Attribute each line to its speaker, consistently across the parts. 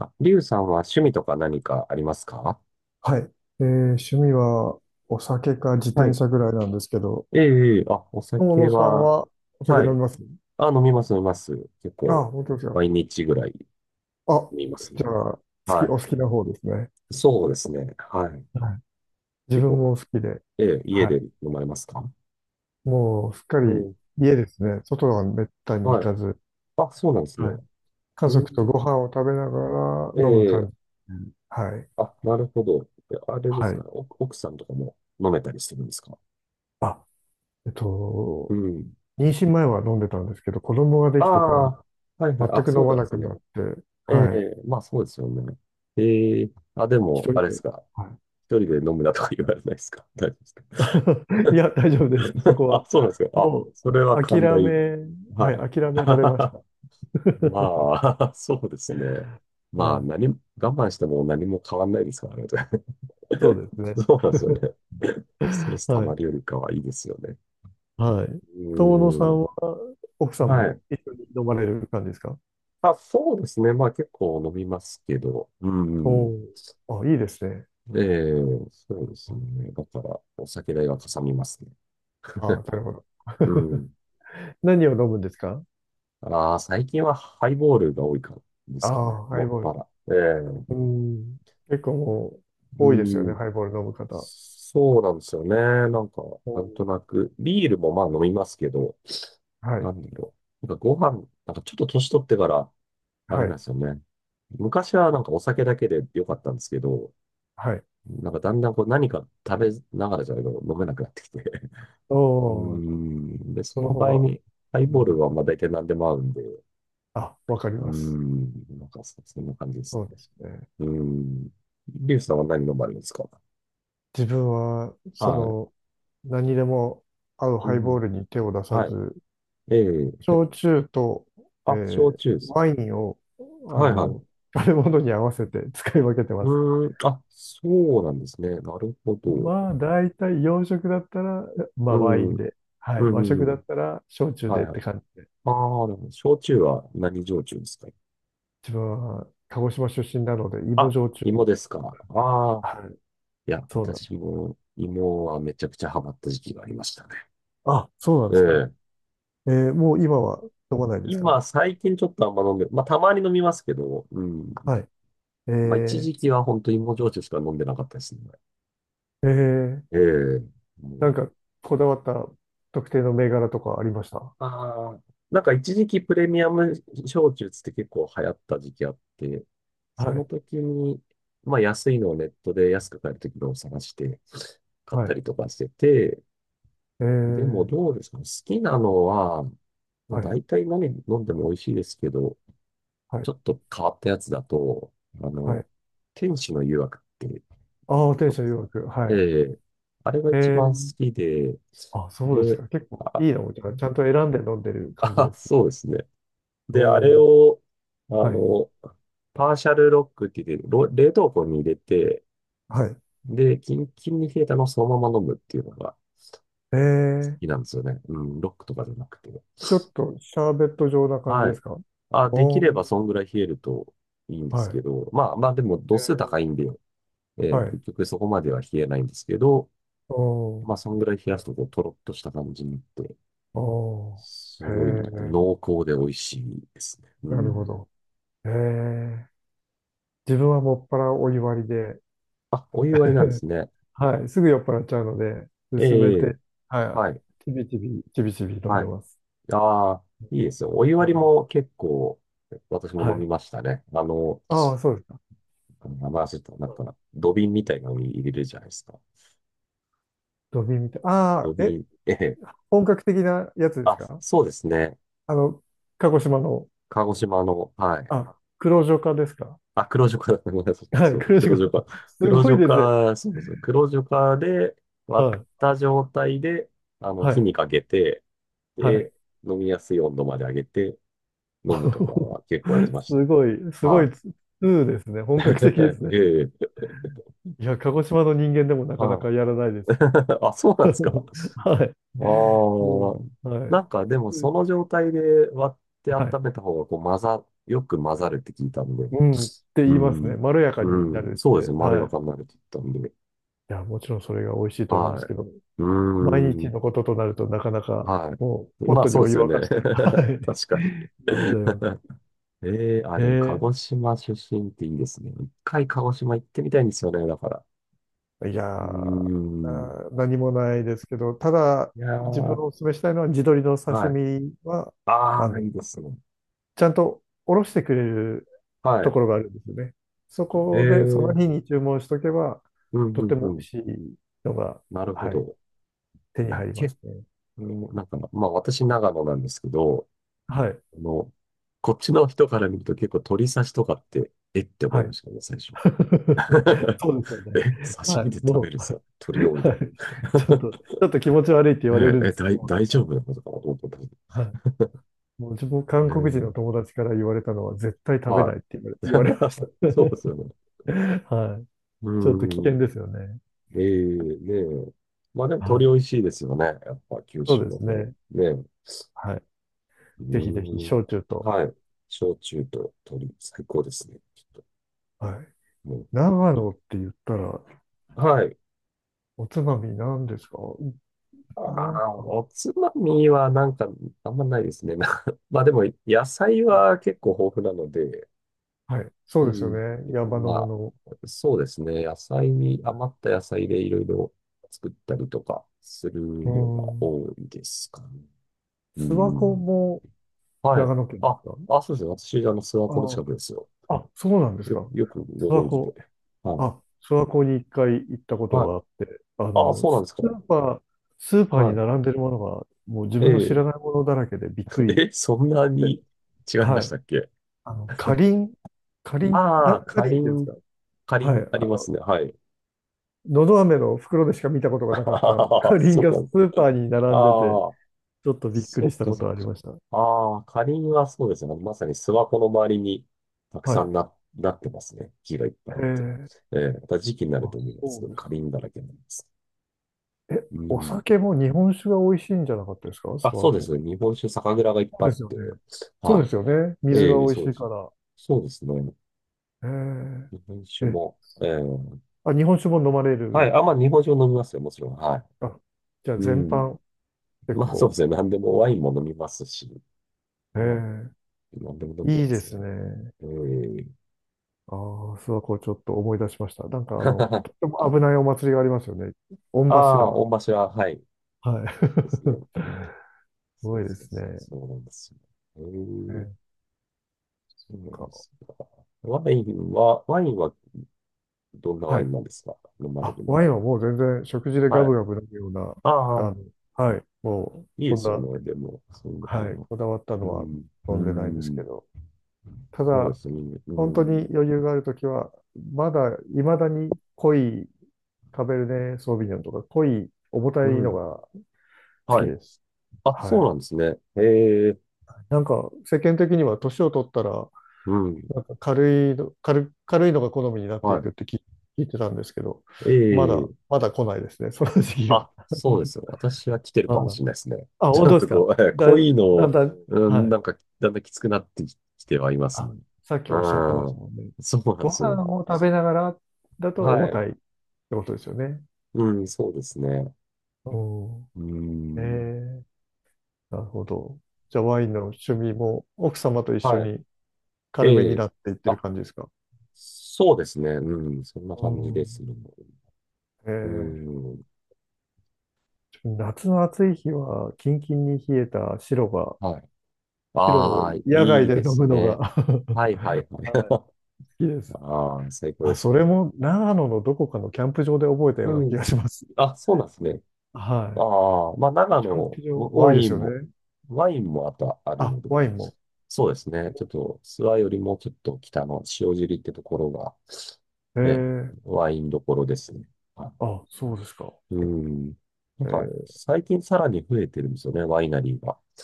Speaker 1: あ、リュウさんは趣味とか何かありますか？
Speaker 2: はい。えー趣味はお酒か自
Speaker 1: は
Speaker 2: 転
Speaker 1: い。
Speaker 2: 車ぐらいなんですけど、
Speaker 1: ええ、ええ、あ、お
Speaker 2: 友
Speaker 1: 酒
Speaker 2: 野さん
Speaker 1: は、
Speaker 2: はお酒
Speaker 1: は
Speaker 2: 飲み
Speaker 1: い。
Speaker 2: ます？
Speaker 1: あ、飲みます、飲みます。結
Speaker 2: ああ、
Speaker 1: 構、
Speaker 2: 本当ですよ。
Speaker 1: 毎日ぐらい
Speaker 2: あ、
Speaker 1: 飲みます
Speaker 2: じ
Speaker 1: ね。
Speaker 2: ゃあ、
Speaker 1: は
Speaker 2: お
Speaker 1: い。
Speaker 2: 好きな方ですね。
Speaker 1: そうですね。はい。
Speaker 2: はい。自
Speaker 1: 結
Speaker 2: 分
Speaker 1: 構、
Speaker 2: も好きで、
Speaker 1: ええ、家
Speaker 2: は
Speaker 1: で
Speaker 2: い。
Speaker 1: 飲まれますか？
Speaker 2: もうすっか
Speaker 1: う
Speaker 2: り
Speaker 1: ん。
Speaker 2: 家ですね。外はめったに行
Speaker 1: はい。
Speaker 2: かず、
Speaker 1: あ、そうなんですね。
Speaker 2: はい。家
Speaker 1: う
Speaker 2: 族とご
Speaker 1: ん。
Speaker 2: 飯を食べながら
Speaker 1: え
Speaker 2: 飲む感
Speaker 1: え、
Speaker 2: じ。うん、はい。
Speaker 1: あ、なるほど。え、あれで
Speaker 2: は
Speaker 1: す
Speaker 2: い。
Speaker 1: かね。お奥さんとかも飲めたりするんですか？
Speaker 2: あ、えっ
Speaker 1: う
Speaker 2: と、
Speaker 1: ん。
Speaker 2: 妊娠前は飲んでたんですけど、子供がで
Speaker 1: あ
Speaker 2: きてから
Speaker 1: あ、はいはい。
Speaker 2: 全
Speaker 1: あ、
Speaker 2: く
Speaker 1: そ
Speaker 2: 飲
Speaker 1: う
Speaker 2: ま
Speaker 1: なん
Speaker 2: な
Speaker 1: です
Speaker 2: く
Speaker 1: ね。
Speaker 2: なって、
Speaker 1: ええ、
Speaker 2: はい。
Speaker 1: まあそうですよね。ええ、あ、で
Speaker 2: 一
Speaker 1: も、
Speaker 2: 人
Speaker 1: あれで
Speaker 2: で。
Speaker 1: すか。
Speaker 2: はい
Speaker 1: 一人で飲むなとか言われないですか？ 大丈夫です
Speaker 2: いや、大丈夫
Speaker 1: か？
Speaker 2: です。そこ は。
Speaker 1: あ、そうなんですか。あ、
Speaker 2: もう、
Speaker 1: それは
Speaker 2: 諦
Speaker 1: 寛大。
Speaker 2: め、は
Speaker 1: は
Speaker 2: い、諦
Speaker 1: い。
Speaker 2: められました。
Speaker 1: まあ、そうですね。まあ、
Speaker 2: はい。
Speaker 1: 何、我慢しても何も変わんないですからね。
Speaker 2: そうです ね。
Speaker 1: そうなんですよね。ストレス溜
Speaker 2: は
Speaker 1: ま
Speaker 2: い。
Speaker 1: るよりかはいいですよね。
Speaker 2: はい。
Speaker 1: う
Speaker 2: 友野さ
Speaker 1: ーん。
Speaker 2: んは、奥さん
Speaker 1: はい。
Speaker 2: も一緒に飲まれる感じですか？
Speaker 1: あ、そうですね。まあ結構飲みますけど。う
Speaker 2: お
Speaker 1: ん。
Speaker 2: おー、あ、いいですね。
Speaker 1: ええ、そうですね。だから、お酒代がかさみますね。
Speaker 2: ああ、なるほど。
Speaker 1: うん。
Speaker 2: 何を飲むんですか？
Speaker 1: ああ、最近はハイボールが多いからで
Speaker 2: あ
Speaker 1: すかね。
Speaker 2: あ、ハ
Speaker 1: も
Speaker 2: イ
Speaker 1: っ
Speaker 2: ボー
Speaker 1: ぱ
Speaker 2: ル。
Speaker 1: ら。ええ、
Speaker 2: うん。結構もう、
Speaker 1: う
Speaker 2: 多いですよね、
Speaker 1: ん。
Speaker 2: ハイボール飲む方。
Speaker 1: そうなんですよね。なんか、
Speaker 2: お
Speaker 1: な
Speaker 2: ー。
Speaker 1: んとなく、ビールもまあ飲みますけど、
Speaker 2: はい。
Speaker 1: なんだろう。なんかご飯、なんかちょっと年取ってから、あれ
Speaker 2: は
Speaker 1: なん
Speaker 2: い。
Speaker 1: ですよね。昔はなんかお酒だけで良かったんですけど、
Speaker 2: はい。
Speaker 1: なんかだんだんこう何か食べながらじゃないと飲めなくなってきて、
Speaker 2: お
Speaker 1: うー
Speaker 2: お、
Speaker 1: ん。で、そ
Speaker 2: その
Speaker 1: の
Speaker 2: 方
Speaker 1: 場合
Speaker 2: が、
Speaker 1: に、ハイ
Speaker 2: う
Speaker 1: ボール
Speaker 2: ん、
Speaker 1: はまあ大体何でも合うんで、う
Speaker 2: あ、わかり
Speaker 1: ー
Speaker 2: ます。
Speaker 1: ん。なんかそんな感じです
Speaker 2: そ
Speaker 1: ね。
Speaker 2: うですね。
Speaker 1: うーん。リュウさんは何飲まれるんですか？
Speaker 2: 自分は、
Speaker 1: はい。
Speaker 2: 何でも合う
Speaker 1: う
Speaker 2: ハイボー
Speaker 1: ん。
Speaker 2: ルに手を出さ
Speaker 1: はい。
Speaker 2: ず、
Speaker 1: ええ、
Speaker 2: 焼酎と、え
Speaker 1: あ、焼
Speaker 2: ー
Speaker 1: 酎です。
Speaker 2: ワインを、あ
Speaker 1: はいは
Speaker 2: の、
Speaker 1: い。
Speaker 2: 食べ物に合わせて 使い分けてます。
Speaker 1: うーん。あ、そうなんですね。なるほど。
Speaker 2: まあ、大体洋食だったら、ま
Speaker 1: う
Speaker 2: あ、ワイ
Speaker 1: ん。
Speaker 2: ンで、はい、
Speaker 1: う
Speaker 2: 和
Speaker 1: ん。
Speaker 2: 食
Speaker 1: う
Speaker 2: だ
Speaker 1: ん、
Speaker 2: ったら、焼酎
Speaker 1: はい
Speaker 2: でっ
Speaker 1: は
Speaker 2: て
Speaker 1: い。
Speaker 2: 感じで。
Speaker 1: ああ、でも、焼酎は何焼酎ですか？
Speaker 2: 自分は、鹿児島出身なので、芋
Speaker 1: あ、
Speaker 2: 焼酎。
Speaker 1: 芋ですか。ああ。
Speaker 2: はい、
Speaker 1: いや、
Speaker 2: そうなんです。
Speaker 1: 私も芋はめちゃくちゃハマった時期がありましたね。
Speaker 2: あ、そうなんですか。
Speaker 1: ええ、
Speaker 2: もう今は飲まないですか？
Speaker 1: 今、最近ちょっとあんま飲んで、まあ、たまに飲みますけど、うん。
Speaker 2: はい。え
Speaker 1: まあ、一
Speaker 2: ー、
Speaker 1: 時期は本当に芋焼酎しか飲んでなかったですね。
Speaker 2: えー
Speaker 1: ええ、も
Speaker 2: なん
Speaker 1: う、
Speaker 2: か、こだわった特定の銘柄とかありました？
Speaker 1: ああ、なんか一時期プレミアム焼酎つって結構流行った時期あって、
Speaker 2: は
Speaker 1: その
Speaker 2: い。
Speaker 1: 時に、まあ、安いのをネットで安く買える時のを探して買っ
Speaker 2: は
Speaker 1: た
Speaker 2: い。
Speaker 1: りとかしてて、
Speaker 2: え
Speaker 1: でも
Speaker 2: ー、
Speaker 1: どうですかね、好きなのは、まあ、
Speaker 2: はい。
Speaker 1: 大体何飲んでも美味しいですけど、
Speaker 2: は
Speaker 1: ち
Speaker 2: い。
Speaker 1: ょっと変わったやつだと、あ
Speaker 2: はい。
Speaker 1: の、天使の誘惑。
Speaker 2: ああ、天
Speaker 1: そう
Speaker 2: 使
Speaker 1: で
Speaker 2: の誘
Speaker 1: すね。
Speaker 2: 惑。は
Speaker 1: え
Speaker 2: い。
Speaker 1: え、あれが
Speaker 2: え
Speaker 1: 一番好
Speaker 2: ー、
Speaker 1: きで、
Speaker 2: あ、そうです
Speaker 1: で、
Speaker 2: か。結構いい
Speaker 1: あ、
Speaker 2: のじゃあ、ちゃんと選んで飲んでる感じ
Speaker 1: あ、
Speaker 2: で すね。
Speaker 1: そうですね。で、あ
Speaker 2: お
Speaker 1: れ
Speaker 2: ー。
Speaker 1: を、あ
Speaker 2: はい。
Speaker 1: の、パーシャルロックって言って、冷凍庫に入れて、
Speaker 2: はい。
Speaker 1: で、キンキンに冷えたのをそのまま飲むっていうのが好
Speaker 2: えー、
Speaker 1: きなんですよね。うん、ロックとかじゃなくて。
Speaker 2: ちょっとシャーベット状な感じ
Speaker 1: は
Speaker 2: です
Speaker 1: い。
Speaker 2: か？
Speaker 1: あ、でき
Speaker 2: おー。
Speaker 1: ればそんぐらい冷えるといいんで
Speaker 2: は
Speaker 1: す
Speaker 2: い。
Speaker 1: けど、まあまあでも度数高
Speaker 2: え
Speaker 1: いんで、
Speaker 2: は
Speaker 1: 結
Speaker 2: い。
Speaker 1: 局そこまでは冷えないんですけど、
Speaker 2: おー。
Speaker 1: まあそんぐらい冷やすとこうトロッとした感じになって、
Speaker 2: お
Speaker 1: す
Speaker 2: ー。
Speaker 1: ごい
Speaker 2: へ
Speaker 1: 濃厚で美味しいですね。う
Speaker 2: え、なるほ
Speaker 1: ん。
Speaker 2: ど。へえ、自分はもっぱらお湯割りで。
Speaker 1: あ、お湯割りなんで すね。
Speaker 2: はい、すぐ酔っ払っちゃうので、
Speaker 1: え
Speaker 2: 薄めて、
Speaker 1: え、
Speaker 2: は
Speaker 1: はい、
Speaker 2: い、ちびちび、ちびちび飲ん
Speaker 1: は
Speaker 2: で
Speaker 1: い。
Speaker 2: ます。
Speaker 1: ああ、いいですよ。お湯割り
Speaker 2: はい。
Speaker 1: も結構、私も
Speaker 2: は
Speaker 1: 飲み
Speaker 2: い。
Speaker 1: ましたね。
Speaker 2: ああ、そうですか。
Speaker 1: 名前忘れた、なんか、土瓶みたいなのに入れるじゃないですか。
Speaker 2: ドビーみたい。あ
Speaker 1: 土
Speaker 2: あ、え、
Speaker 1: 瓶、ええ。
Speaker 2: 本格的なやつです
Speaker 1: あ、
Speaker 2: か？
Speaker 1: そうですね。
Speaker 2: あの、鹿児島の、
Speaker 1: 鹿児島の、はい。
Speaker 2: あ、黒潮化ですか？
Speaker 1: あ、黒ジョカだ。ごめんなさい。
Speaker 2: は
Speaker 1: そ
Speaker 2: い、
Speaker 1: う、
Speaker 2: 黒
Speaker 1: 黒
Speaker 2: 潮化。
Speaker 1: ジョカ。
Speaker 2: す
Speaker 1: 黒
Speaker 2: ご
Speaker 1: ジ
Speaker 2: い
Speaker 1: ョ
Speaker 2: ですね。
Speaker 1: カ、そうです。黒ジョカで割っ
Speaker 2: はい、
Speaker 1: た状態で、
Speaker 2: は
Speaker 1: 火
Speaker 2: い、
Speaker 1: にかけて、
Speaker 2: はい。
Speaker 1: で、飲みやすい温度まで上げて飲むとか は結構やってました。
Speaker 2: すごい、すごい
Speaker 1: は
Speaker 2: ツーですね。本格的です
Speaker 1: い。
Speaker 2: ね。
Speaker 1: ええ、
Speaker 2: いや、鹿児島の人間でもなかな
Speaker 1: は
Speaker 2: か
Speaker 1: い。
Speaker 2: やらないです。
Speaker 1: あ、そうなんですか。
Speaker 2: はい。も
Speaker 1: ああ。
Speaker 2: う、は
Speaker 1: な
Speaker 2: い。
Speaker 1: んかでもその状態で割って
Speaker 2: はい。
Speaker 1: 温めた方がこうよく混ざるって聞いたんで。
Speaker 2: うん、って
Speaker 1: う
Speaker 2: 言いますね。
Speaker 1: ん。
Speaker 2: まろやか
Speaker 1: う
Speaker 2: にな
Speaker 1: ん。
Speaker 2: るっ
Speaker 1: そうです
Speaker 2: て。
Speaker 1: ね。まろ
Speaker 2: は
Speaker 1: や
Speaker 2: い。
Speaker 1: かになるって言ったんで。
Speaker 2: いや、もちろんそれが美味しいと思うんです
Speaker 1: は
Speaker 2: けど、
Speaker 1: い。う
Speaker 2: 毎
Speaker 1: ー
Speaker 2: 日
Speaker 1: ん。
Speaker 2: のこととなるとなかなか
Speaker 1: は
Speaker 2: もう
Speaker 1: い。
Speaker 2: ポッ
Speaker 1: まあ
Speaker 2: トに
Speaker 1: そう
Speaker 2: お
Speaker 1: です
Speaker 2: 湯
Speaker 1: よ
Speaker 2: 沸
Speaker 1: ね。
Speaker 2: かしてる。はい。
Speaker 1: 確かに。
Speaker 2: 飲んじゃいます。
Speaker 1: ええ、あ、でも、鹿
Speaker 2: え
Speaker 1: 児島出身っていいですね。一回鹿児島行ってみたいんですよね、だから。
Speaker 2: え、いやー、
Speaker 1: うーん。
Speaker 2: 何もないですけど、ただ
Speaker 1: いや
Speaker 2: 自分
Speaker 1: ー、
Speaker 2: をお勧めしたいのは地鶏の刺
Speaker 1: はい。
Speaker 2: 身は、あ
Speaker 1: ああ、
Speaker 2: の、
Speaker 1: いいですね。
Speaker 2: ちゃんとおろしてくれる
Speaker 1: は
Speaker 2: とこ
Speaker 1: い。
Speaker 2: ろがあるんですよね。そこでその
Speaker 1: え
Speaker 2: 日
Speaker 1: え、
Speaker 2: に注文しとけば、
Speaker 1: うん、
Speaker 2: とっ
Speaker 1: う
Speaker 2: て
Speaker 1: ん、う
Speaker 2: も美
Speaker 1: ん。
Speaker 2: 味しいのが、
Speaker 1: なるほ
Speaker 2: はい、
Speaker 1: ど。
Speaker 2: 手
Speaker 1: い
Speaker 2: に
Speaker 1: や、
Speaker 2: 入りま
Speaker 1: 結
Speaker 2: すね。
Speaker 1: 構、なんか、まあ、私、長野なんですけど、
Speaker 2: はい。
Speaker 1: あの、こっちの人から見ると結構鳥刺しとかって、えって思
Speaker 2: は
Speaker 1: い
Speaker 2: い。
Speaker 1: ましたね、最初。
Speaker 2: そうですよね。
Speaker 1: え、刺
Speaker 2: は
Speaker 1: 身
Speaker 2: い。
Speaker 1: で食
Speaker 2: も
Speaker 1: べ
Speaker 2: う、
Speaker 1: る
Speaker 2: はい。
Speaker 1: さ、鳥をみたいな。
Speaker 2: ちょっと、ち ょっと気持ち悪いって言
Speaker 1: ね
Speaker 2: われるん
Speaker 1: え、
Speaker 2: で
Speaker 1: え、
Speaker 2: すけ
Speaker 1: 大、
Speaker 2: ど、
Speaker 1: 大丈
Speaker 2: はい。
Speaker 1: 夫なことかなと思ったんです
Speaker 2: はい。もう自分、
Speaker 1: け
Speaker 2: 韓
Speaker 1: ど
Speaker 2: 国人
Speaker 1: ね。
Speaker 2: の友達から言われたのは、絶対食べな
Speaker 1: は
Speaker 2: いって言われ、
Speaker 1: い。
Speaker 2: 言われまし
Speaker 1: そうですよね。
Speaker 2: た。はい。
Speaker 1: う
Speaker 2: ちょっと危険
Speaker 1: ん。
Speaker 2: ですよね。
Speaker 1: ええ、ねえ。まあでも
Speaker 2: は
Speaker 1: 鳥
Speaker 2: い。
Speaker 1: 美味しいですよね。やっぱ九
Speaker 2: そう
Speaker 1: 州
Speaker 2: で
Speaker 1: の
Speaker 2: す
Speaker 1: 方。
Speaker 2: ね。
Speaker 1: ねえ。う
Speaker 2: はい。ぜひぜひ、
Speaker 1: ん。
Speaker 2: 焼酎と。
Speaker 1: はい。焼酎と鳥、最高ですね。きっと。
Speaker 2: はい。
Speaker 1: も
Speaker 2: 長
Speaker 1: う、い、
Speaker 2: 野って言ったら、
Speaker 1: はい。
Speaker 2: おつまみ何ですか？
Speaker 1: あ
Speaker 2: なん
Speaker 1: あ、
Speaker 2: か、
Speaker 1: おつまみはなんかあんまないですね。な まあでも野菜
Speaker 2: は
Speaker 1: は
Speaker 2: い。
Speaker 1: 結構豊富なので、
Speaker 2: はい。そう
Speaker 1: う
Speaker 2: ですよ
Speaker 1: ん。
Speaker 2: ね。
Speaker 1: 結構
Speaker 2: 山の
Speaker 1: ま
Speaker 2: も
Speaker 1: あ、
Speaker 2: のを。
Speaker 1: そうですね。野菜に、
Speaker 2: はい、
Speaker 1: 余った野菜でいろいろ作ったりとかする
Speaker 2: う
Speaker 1: のが
Speaker 2: ん。
Speaker 1: 多いですかね。う
Speaker 2: 諏訪湖
Speaker 1: ん。
Speaker 2: も、
Speaker 1: はい。
Speaker 2: 長野県です
Speaker 1: あ、
Speaker 2: か？
Speaker 1: あ、そうですね。私、諏訪湖の
Speaker 2: あ
Speaker 1: 近くですよ。
Speaker 2: あ、そうなんです
Speaker 1: よ、
Speaker 2: か。
Speaker 1: よくご
Speaker 2: 諏訪
Speaker 1: 存知で。
Speaker 2: 湖、
Speaker 1: はい。
Speaker 2: あ、諏訪湖に一回行ったこと
Speaker 1: はい。
Speaker 2: があって、
Speaker 1: あ、そうなんですか。
Speaker 2: スーパーに
Speaker 1: は
Speaker 2: 並んでるものが、もう自
Speaker 1: い。え
Speaker 2: 分の知
Speaker 1: え、
Speaker 2: らないものだらけでびっく り
Speaker 1: え、そんな
Speaker 2: で、
Speaker 1: に違いま
Speaker 2: は
Speaker 1: し
Speaker 2: い。
Speaker 1: たっけ？
Speaker 2: あの、かりん、
Speaker 1: ああ、
Speaker 2: か
Speaker 1: か
Speaker 2: りん
Speaker 1: り
Speaker 2: っていうんです
Speaker 1: ん、
Speaker 2: か。
Speaker 1: か
Speaker 2: は
Speaker 1: り
Speaker 2: い。
Speaker 1: んありま
Speaker 2: の、
Speaker 1: すね。はい。
Speaker 2: のど飴の袋でしか見たこと がなかった
Speaker 1: ああ、
Speaker 2: かりん
Speaker 1: そう
Speaker 2: が
Speaker 1: な
Speaker 2: ス
Speaker 1: んだ。
Speaker 2: ーパーに並んでて、
Speaker 1: ああ、
Speaker 2: ちょっとびっく
Speaker 1: そ
Speaker 2: りし
Speaker 1: っ
Speaker 2: た
Speaker 1: か
Speaker 2: こ
Speaker 1: そ
Speaker 2: と
Speaker 1: っ
Speaker 2: があり
Speaker 1: か。
Speaker 2: ました。
Speaker 1: ああ、カリンはそうですね。まさに諏訪湖の周りにたく
Speaker 2: はい。
Speaker 1: さ
Speaker 2: へ
Speaker 1: んなってますね。木がいっぱいあって。
Speaker 2: え。
Speaker 1: ええ、また時期になる
Speaker 2: あ、
Speaker 1: と思います。
Speaker 2: そ
Speaker 1: す
Speaker 2: う
Speaker 1: ごい
Speaker 2: です。
Speaker 1: カリンだらけになります。
Speaker 2: え、
Speaker 1: う
Speaker 2: お
Speaker 1: ん。
Speaker 2: 酒も日本酒が美味しいんじゃなかったですか？諏
Speaker 1: あ、そ
Speaker 2: 訪
Speaker 1: うで
Speaker 2: 湖。
Speaker 1: すね。日本酒、酒蔵がいっ
Speaker 2: そ
Speaker 1: ぱいあ
Speaker 2: うで
Speaker 1: っ
Speaker 2: すよね。
Speaker 1: て。
Speaker 2: そうで
Speaker 1: は
Speaker 2: すよね。
Speaker 1: い。
Speaker 2: 水が
Speaker 1: ええ、
Speaker 2: 美味
Speaker 1: そう
Speaker 2: し
Speaker 1: で
Speaker 2: いか
Speaker 1: す。
Speaker 2: ら。
Speaker 1: そうですね。
Speaker 2: え
Speaker 1: 日本酒
Speaker 2: ー、え、
Speaker 1: も、ええ、
Speaker 2: あ、日本酒も飲まれ
Speaker 1: はい。
Speaker 2: る。
Speaker 1: あ、まあ、日本酒も飲みますよ。もちろん。は
Speaker 2: あ、じゃあ
Speaker 1: い。う
Speaker 2: 全
Speaker 1: ん。
Speaker 2: 般結
Speaker 1: まあ、そうで
Speaker 2: 構。
Speaker 1: すね。何でもワインも飲みますし、
Speaker 2: え
Speaker 1: まあ、
Speaker 2: ー、
Speaker 1: 何でも飲んで
Speaker 2: いい
Speaker 1: ま
Speaker 2: で
Speaker 1: す
Speaker 2: す
Speaker 1: ね。
Speaker 2: ね。
Speaker 1: ええ。
Speaker 2: ああ、諏訪湖ちょっと思い出しました。なんかとっても危ないお祭りがありますよね。御
Speaker 1: ああ、
Speaker 2: 柱。
Speaker 1: 御柱、はい。
Speaker 2: は
Speaker 1: ですね。
Speaker 2: い。す
Speaker 1: そ
Speaker 2: ご
Speaker 1: う
Speaker 2: いで
Speaker 1: そう
Speaker 2: すね。
Speaker 1: そう、そうなんですよ。え
Speaker 2: な
Speaker 1: ー、
Speaker 2: ん
Speaker 1: そうなん
Speaker 2: か、
Speaker 1: ですか。ワインは、ワインはどんなワ
Speaker 2: は
Speaker 1: イ
Speaker 2: い。
Speaker 1: ンなんですか？飲まれ
Speaker 2: あ、
Speaker 1: るの
Speaker 2: ワイ
Speaker 1: は。
Speaker 2: ンはもう全然食事でガ
Speaker 1: は
Speaker 2: ブ
Speaker 1: い。
Speaker 2: ガブ飲むような、
Speaker 1: ああ、
Speaker 2: あの、はい。も
Speaker 1: い
Speaker 2: う、
Speaker 1: いで
Speaker 2: そん
Speaker 1: すよ
Speaker 2: な
Speaker 1: ね。でも、そんなに
Speaker 2: はい、
Speaker 1: も。
Speaker 2: こだわった
Speaker 1: う
Speaker 2: のは
Speaker 1: ん。う
Speaker 2: 飲んでないですけ
Speaker 1: ん。
Speaker 2: ど、た
Speaker 1: そうで
Speaker 2: だ、
Speaker 1: すね。う
Speaker 2: 本当に
Speaker 1: ん。
Speaker 2: 余裕があるときは、まだ、いまだに濃いカベルネ・ソーヴィニョンとか、濃い重た
Speaker 1: う
Speaker 2: いの
Speaker 1: ん。
Speaker 2: が好き
Speaker 1: はい。
Speaker 2: です。
Speaker 1: あ、そ
Speaker 2: は
Speaker 1: う
Speaker 2: い。
Speaker 1: なんですね。ええ、
Speaker 2: なんか、世間的には年を取ったら、
Speaker 1: うん。
Speaker 2: なんか軽いの、軽いのが好みになってい
Speaker 1: は
Speaker 2: くって聞いてたんですけど、まだ、
Speaker 1: い。ええ、
Speaker 2: まだ来ないですね、その時期が。
Speaker 1: あ、そうですよ。私は来て る
Speaker 2: あ
Speaker 1: かも
Speaker 2: あ、
Speaker 1: しれないですね。ち
Speaker 2: 本
Speaker 1: ょ
Speaker 2: 当
Speaker 1: っ
Speaker 2: です
Speaker 1: と
Speaker 2: か。
Speaker 1: こう、
Speaker 2: だ、
Speaker 1: 濃いの
Speaker 2: だん
Speaker 1: を、
Speaker 2: だん、
Speaker 1: う
Speaker 2: は
Speaker 1: ん、
Speaker 2: い。
Speaker 1: なんか、だんだんきつくなってききてはいますね。
Speaker 2: あ、さっき
Speaker 1: う
Speaker 2: おっしゃってました
Speaker 1: ん。
Speaker 2: もんね。
Speaker 1: そうなんで
Speaker 2: ご
Speaker 1: すよ。
Speaker 2: 飯を食べながらだと
Speaker 1: は
Speaker 2: 重
Speaker 1: い。
Speaker 2: たいってことですよね。
Speaker 1: うん、そうですね。
Speaker 2: お
Speaker 1: う
Speaker 2: ー。え
Speaker 1: ん。
Speaker 2: ー、なるほど。じゃあワインの趣味も奥様と一緒
Speaker 1: はい。
Speaker 2: に軽め
Speaker 1: え
Speaker 2: に
Speaker 1: え。
Speaker 2: なっていってる
Speaker 1: あ、
Speaker 2: 感じですか？
Speaker 1: そうですね。うん、そんな
Speaker 2: う
Speaker 1: 感じです
Speaker 2: ん。
Speaker 1: ね。
Speaker 2: え
Speaker 1: う
Speaker 2: ー、
Speaker 1: ん。
Speaker 2: 夏の暑い日はキンキンに冷えた白が、
Speaker 1: はい。
Speaker 2: 白
Speaker 1: あ
Speaker 2: を
Speaker 1: あ、い
Speaker 2: 野外
Speaker 1: い
Speaker 2: で
Speaker 1: で
Speaker 2: 飲
Speaker 1: す
Speaker 2: むのが
Speaker 1: ね。
Speaker 2: はい、
Speaker 1: はいはいはい。
Speaker 2: 好きで す。
Speaker 1: ああ、最高で
Speaker 2: あ、
Speaker 1: す
Speaker 2: それ
Speaker 1: ね。
Speaker 2: も長野のどこかのキャンプ場で覚えたよう
Speaker 1: う
Speaker 2: な気
Speaker 1: ん。
Speaker 2: がします。
Speaker 1: あ、そうなんですね。
Speaker 2: は
Speaker 1: あ
Speaker 2: い。
Speaker 1: あ、まあ、長
Speaker 2: キャン
Speaker 1: 野、
Speaker 2: プ場多
Speaker 1: ワ
Speaker 2: いで
Speaker 1: イ
Speaker 2: す
Speaker 1: ン
Speaker 2: よ
Speaker 1: も、
Speaker 2: ね。
Speaker 1: ワインもあとある
Speaker 2: あ、
Speaker 1: の
Speaker 2: ワ
Speaker 1: で、
Speaker 2: インも。
Speaker 1: そうですね。ちょっと、諏訪よりもちょっと北の塩尻ってところが、
Speaker 2: え
Speaker 1: ね、
Speaker 2: え、
Speaker 1: ワインどころですね。は
Speaker 2: あ、そうですか。
Speaker 1: い。うん。なん
Speaker 2: え
Speaker 1: か、
Speaker 2: え、
Speaker 1: 最近さらに増えてるんですよね、ワイナリーが。やっ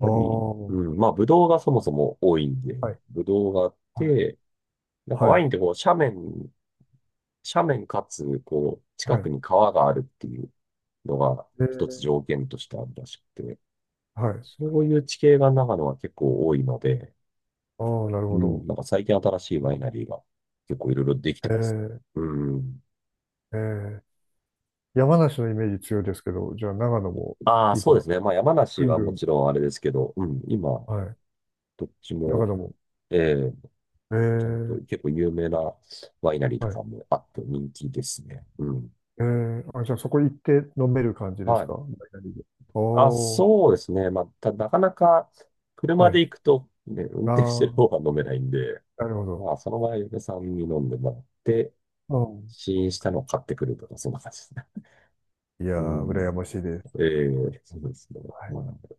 Speaker 2: あ
Speaker 1: ぱ
Speaker 2: あ、
Speaker 1: り、う
Speaker 2: は
Speaker 1: ん、まあ、ブドウがそもそも多いんで、
Speaker 2: い、
Speaker 1: ブドウがあっ
Speaker 2: はい、
Speaker 1: て、なんか
Speaker 2: は
Speaker 1: ワイ
Speaker 2: い、
Speaker 1: ンってこう、斜面、斜面かつ、こう、近
Speaker 2: は
Speaker 1: く
Speaker 2: い。
Speaker 1: に川があるっていうのが、
Speaker 2: え
Speaker 1: 一つ
Speaker 2: え、
Speaker 1: 条件としてあるらしくて、
Speaker 2: はい。
Speaker 1: そういう地形が長野は結構多いので、
Speaker 2: ああ、なる
Speaker 1: う
Speaker 2: ほ
Speaker 1: ん、
Speaker 2: ど。
Speaker 1: なんか最近新しいワイナリーが結構いろいろできてます。
Speaker 2: え
Speaker 1: うん。
Speaker 2: え、ええ、山梨のイメージ強いですけど、じゃあ長野も
Speaker 1: ああ、そうで
Speaker 2: 今、
Speaker 1: すね。まあ山
Speaker 2: ぐ
Speaker 1: 梨
Speaker 2: ん
Speaker 1: は
Speaker 2: ぐ
Speaker 1: も
Speaker 2: ん、
Speaker 1: ちろんあれですけど、うん、今、
Speaker 2: はい、
Speaker 1: どっち
Speaker 2: 長
Speaker 1: も、
Speaker 2: 野も。
Speaker 1: ええ、
Speaker 2: え
Speaker 1: ちゃんと
Speaker 2: え、
Speaker 1: 結構有名なワイナリーと
Speaker 2: はい。
Speaker 1: かもあって人気ですね。うん。
Speaker 2: ええ、あ、じゃあそこ行って飲める感じです
Speaker 1: は
Speaker 2: か？
Speaker 1: い。
Speaker 2: ダイナリで。
Speaker 1: あ、
Speaker 2: おー、
Speaker 1: そうですね。まあ、なかなか車
Speaker 2: は
Speaker 1: で
Speaker 2: い。
Speaker 1: 行くと、ね、運
Speaker 2: あ
Speaker 1: 転してる方が
Speaker 2: あ、
Speaker 1: 飲めないんで、
Speaker 2: なるほど。
Speaker 1: まあ、その場合、嫁さんに飲んでもらって、
Speaker 2: うん。
Speaker 1: 試飲したのを買ってくるとか、そんな感じですね。
Speaker 2: いや
Speaker 1: う
Speaker 2: ー、
Speaker 1: ん。
Speaker 2: 羨ましいです。
Speaker 1: ええ、そうですね。
Speaker 2: はい
Speaker 1: はい。